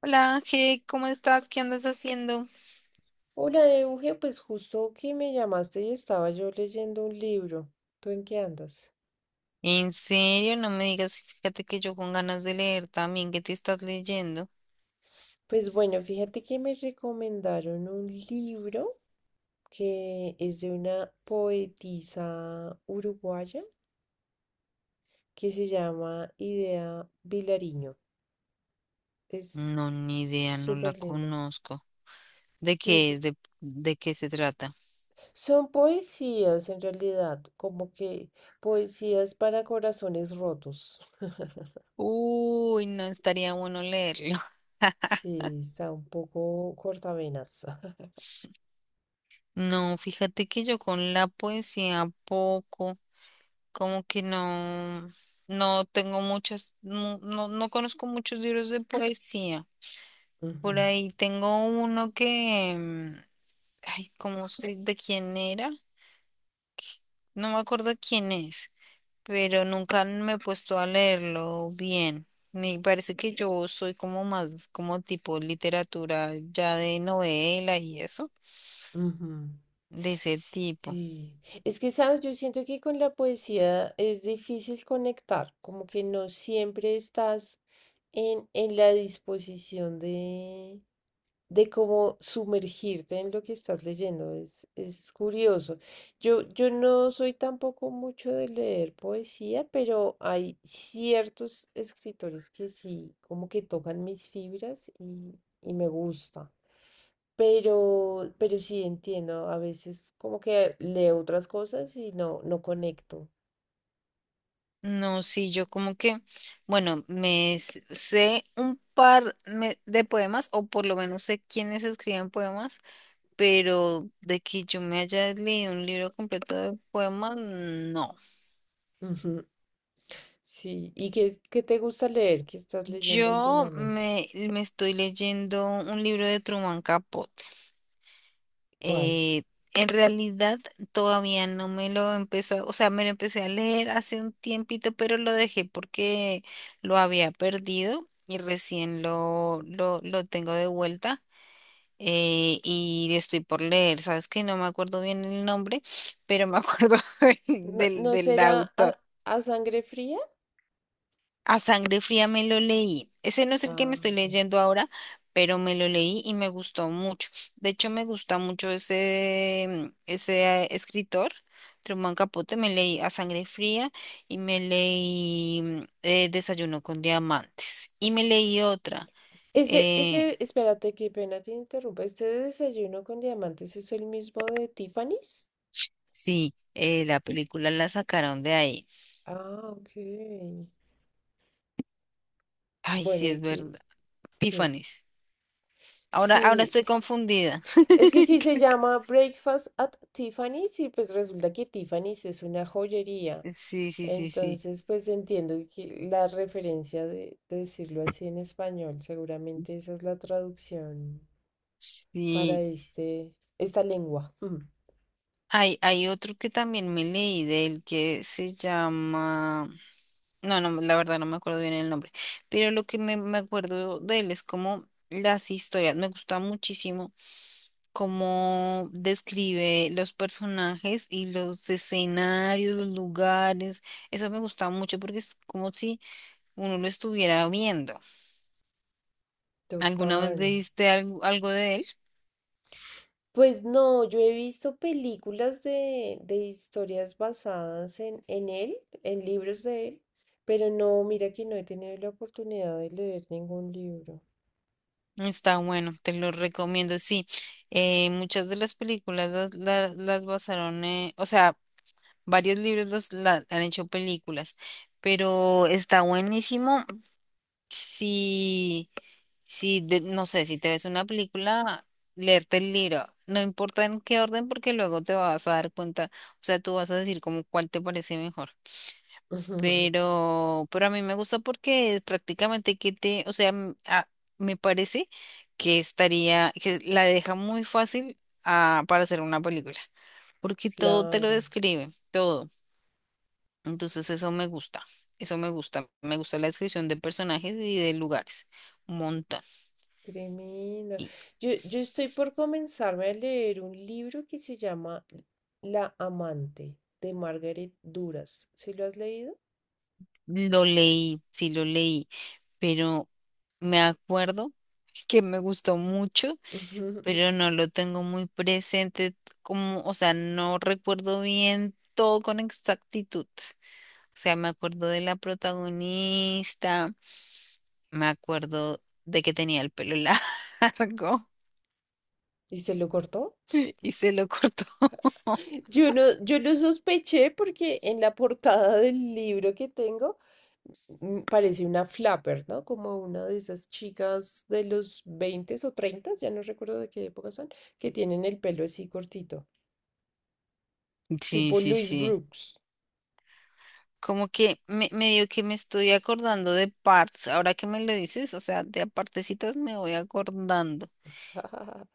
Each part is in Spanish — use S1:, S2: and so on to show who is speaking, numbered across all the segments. S1: Hola Ángel, ¿cómo estás? ¿Qué andas haciendo?
S2: Hola, Euge, pues justo que me llamaste y estaba yo leyendo un libro. ¿Tú en qué andas?
S1: En serio, no me digas, fíjate que yo con ganas de leer también, ¿qué te estás leyendo?
S2: Pues bueno, fíjate que me recomendaron un libro que es de una poetisa uruguaya que se llama Idea Vilariño. Es
S1: No, ni idea, no la
S2: súper lindo.
S1: conozco. ¿De
S2: Sí,
S1: qué es? ¿De qué se trata?
S2: son poesías en realidad, como que poesías para corazones rotos.
S1: Uy, no estaría bueno leerlo.
S2: Sí, está un poco cortavenas.
S1: No, fíjate que yo con la poesía poco, como que no, no tengo muchas, no, no conozco muchos libros de poesía. Por
S2: Ujú.
S1: ahí tengo uno que... Ay, ¿cómo sé de quién era? No me acuerdo quién es, pero nunca me he puesto a leerlo bien. Me parece que yo soy como más, como tipo literatura ya de novela y eso,
S2: Ujú.
S1: de ese tipo.
S2: Sí, es que sabes, yo siento que con la poesía es difícil conectar, como que no siempre estás en la disposición de cómo sumergirte en lo que estás leyendo. Es curioso. Yo no soy tampoco mucho de leer poesía, pero hay ciertos escritores que sí, como que tocan mis fibras y me gusta. Pero sí entiendo, a veces como que leo otras cosas y no, no conecto.
S1: No, sí, yo como que, bueno, sé un par de poemas, o por lo menos sé quiénes escriben poemas, pero de que yo me haya leído un libro completo de poemas, no.
S2: Ujú. Sí, ¿y qué, qué te gusta leer? ¿Qué estás leyendo últimamente?
S1: Me estoy leyendo un libro de Truman Capote.
S2: ¿Cuál?
S1: Eh, en realidad todavía no me lo empecé, o sea, me lo empecé a leer hace un tiempito, pero lo dejé porque lo había perdido y recién lo tengo de vuelta. Y estoy por leer, sabes que no me acuerdo bien el nombre, pero me acuerdo del,
S2: ¿No,
S1: del,
S2: no
S1: del
S2: será
S1: autor.
S2: a sangre fría?
S1: A sangre fría me lo leí. Ese no es el que me
S2: Ah,
S1: estoy
S2: ok.
S1: leyendo ahora, pero me lo leí y me gustó mucho. De hecho, me gusta mucho ese escritor, Truman Capote. Me leí A sangre fría y me leí Desayuno con diamantes. Y me leí otra.
S2: Ese,
S1: eh,
S2: ese, espérate, qué pena te interrumpa. ¿Este desayuno con diamantes es el mismo de Tiffany's?
S1: sí, la película la sacaron de ahí.
S2: Ah, ok.
S1: Ay,
S2: Bueno,
S1: sí,
S2: ¿y
S1: es
S2: qué,
S1: verdad.
S2: qué?
S1: Tiffany's. Ahora
S2: Sí,
S1: estoy confundida.
S2: es que sí se llama Breakfast at Tiffany's y pues resulta que Tiffany's es una joyería.
S1: Sí, sí, sí, sí.
S2: Entonces, pues entiendo que la referencia de decirlo así en español, seguramente esa es la traducción para
S1: Sí.
S2: este, esta lengua. Ujú.
S1: Hay otro que también me leí de él que se llama... No, no, la verdad no me acuerdo bien el nombre, pero lo que me acuerdo de él es como las historias. Me gusta muchísimo cómo describe los personajes y los escenarios, los lugares. Eso me gusta mucho porque es como si uno lo estuviera viendo. ¿Alguna
S2: Total.
S1: vez leíste algo, algo de él?
S2: Pues no, yo he visto películas de historias basadas en él, en libros de él, pero no, mira que no he tenido la oportunidad de leer ningún libro.
S1: Está bueno, te lo recomiendo, sí. Muchas de las películas las basaron, o sea, varios libros han hecho películas, pero está buenísimo si, no sé, si te ves una película, leerte el libro, no importa en qué orden, porque luego te vas a dar cuenta, o sea, tú vas a decir como cuál te parece mejor, pero a mí me gusta porque prácticamente que te, o sea, me parece que estaría, que la deja muy fácil para hacer una película, porque todo te lo
S2: Claro,
S1: describe, todo. Entonces eso me gusta la descripción de personajes y de lugares, un montón.
S2: tremendo.
S1: Y
S2: Yo estoy por comenzarme a leer un libro que se llama La amante de Margaret Duras. ¿Sí lo has leído?
S1: lo leí, sí lo leí, pero me acuerdo que me gustó mucho, pero no lo tengo muy presente como, o sea, no recuerdo bien todo con exactitud. O sea, me acuerdo de la protagonista, me acuerdo de que tenía el pelo largo
S2: ¿Y se lo cortó?
S1: y se lo cortó.
S2: Yo no, yo lo sospeché porque en la portada del libro que tengo parece una flapper, ¿no? Como una de esas chicas de los 20 o treinta, ya no recuerdo de qué época son, que tienen el pelo así cortito,
S1: Sí,
S2: tipo
S1: sí,
S2: Louis
S1: sí.
S2: Brooks.
S1: Como que medio que me estoy acordando de partes, ahora que me lo dices, o sea, de a partecitas me voy acordando.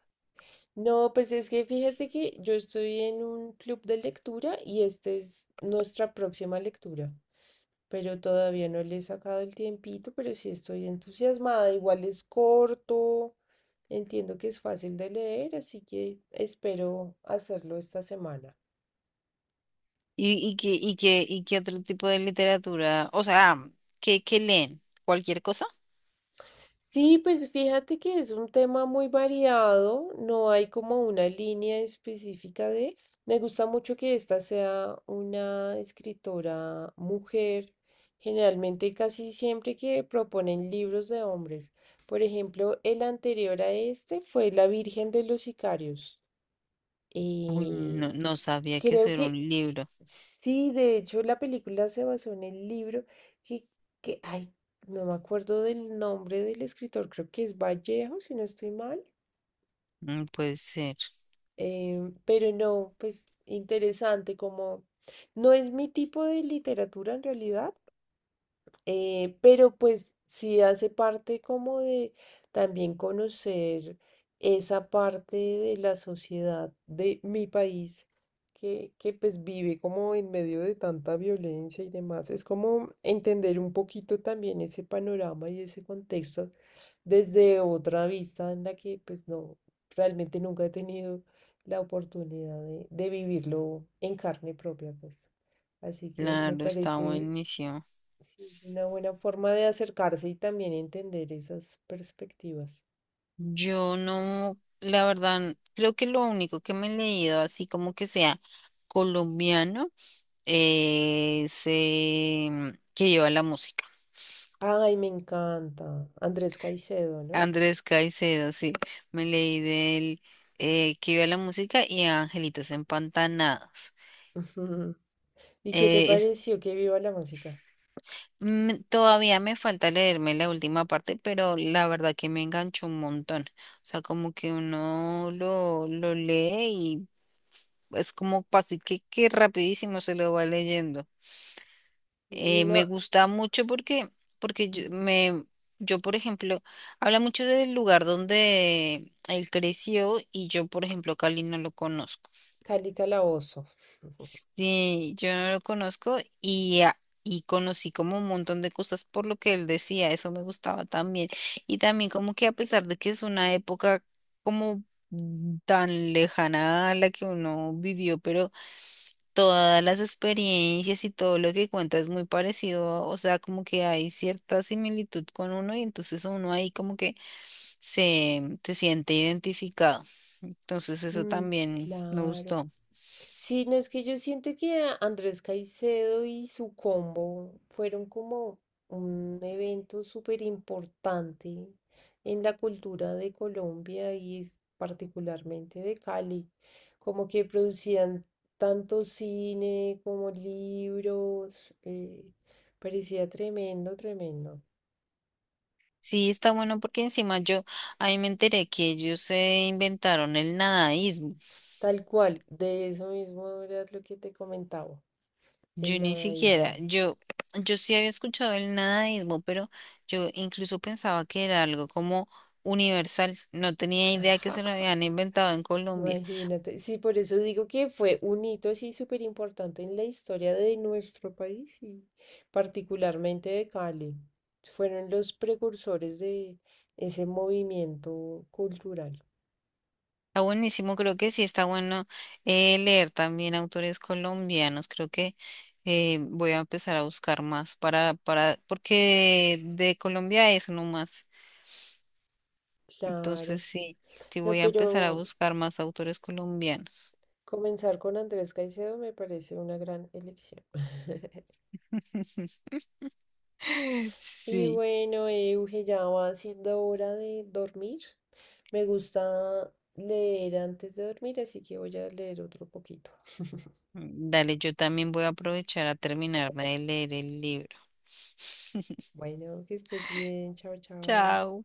S2: No, pues es que fíjate que yo estoy en un club de lectura y esta es nuestra próxima lectura. Pero todavía no le he sacado el tiempito, pero sí estoy entusiasmada. Igual es corto, entiendo que es fácil de leer, así que espero hacerlo esta semana.
S1: ¿Y qué otro tipo de literatura? O sea, ¿qué leen? ¿Cualquier cosa?
S2: Sí, pues fíjate que es un tema muy variado, no hay como una línea específica de... Me gusta mucho que esta sea una escritora mujer, generalmente casi siempre que proponen libros de hombres. Por ejemplo, el anterior a este fue La Virgen de los Sicarios.
S1: Uy, no,
S2: Y
S1: no sabía que eso
S2: creo
S1: era un
S2: que
S1: libro.
S2: sí, de hecho la película se basó en el libro que, que, ay, no me acuerdo del nombre del escritor, creo que es Vallejo, si no estoy mal,
S1: Mm, puede ser.
S2: pero no, pues interesante, como no es mi tipo de literatura en realidad. Pero pues sí hace parte como de también conocer esa parte de la sociedad de mi país que pues vive como en medio de tanta violencia y demás. Es como entender un poquito también ese panorama y ese contexto desde otra vista en la que pues no, realmente nunca he tenido la oportunidad de vivirlo en carne propia, pues. Así que me
S1: Claro, está
S2: parece.
S1: buenísimo.
S2: Sí, es una buena forma de acercarse y también entender esas perspectivas.
S1: Yo no, la verdad, creo que lo único que me he leído, así como que sea colombiano, es que lleva la música.
S2: Ay, me encanta. Andrés Caicedo, ¿no?
S1: Andrés Caicedo, sí. Me leí del que lleva la música y Angelitos Empantanados.
S2: ¿Y qué te pareció que viva la música?
S1: Mm, todavía me falta leerme la última parte, pero la verdad que me enganchó un montón. O sea, como que lo lee y es como fácil que rapidísimo se lo va leyendo.
S2: Y
S1: Me
S2: no,
S1: gusta mucho porque yo, por ejemplo, habla mucho del lugar donde él creció y yo, por ejemplo, Cali no lo conozco.
S2: Cali Calabozo.
S1: Sí, yo no lo conozco y conocí como un montón de cosas por lo que él decía, eso me gustaba también. Y también como que a pesar de que es una época como tan lejana a la que uno vivió, pero todas las experiencias y todo lo que cuenta es muy parecido, o sea, como que hay cierta similitud con uno y entonces uno ahí como que se siente identificado. Entonces eso
S2: Mm,
S1: también me
S2: claro.
S1: gustó.
S2: Sí, no es que yo siento que Andrés Caicedo y su combo fueron como un evento súper importante en la cultura de Colombia y particularmente de Cali. Como que producían tanto cine como libros. Eh, parecía tremendo, tremendo.
S1: Sí, está bueno porque encima yo ahí me enteré que ellos se inventaron el nadaísmo.
S2: Tal cual, de eso mismo era lo que te comentaba,
S1: Yo
S2: el
S1: ni siquiera,
S2: nadaísmo.
S1: yo sí había escuchado el nadaísmo, pero yo incluso pensaba que era algo como universal. No tenía idea que se lo habían inventado en Colombia.
S2: Imagínate, sí, por eso digo que fue un hito así súper importante en la historia de nuestro país y particularmente de Cali. Fueron los precursores de ese movimiento cultural.
S1: Está buenísimo, creo que sí está bueno leer también autores colombianos. Creo que voy a empezar a buscar más para, porque de Colombia es uno más. Entonces
S2: Claro.
S1: sí, sí
S2: No,
S1: voy a
S2: pero
S1: empezar a buscar más autores colombianos.
S2: comenzar con Andrés Caicedo me parece una gran elección. Y
S1: Sí.
S2: bueno, Euge, ya va siendo hora de dormir. Me gusta leer antes de dormir, así que voy a leer otro poquito.
S1: Dale, yo también voy a aprovechar a terminarme de leer el libro.
S2: Bueno, que estés bien. Chao, chao.
S1: Chao.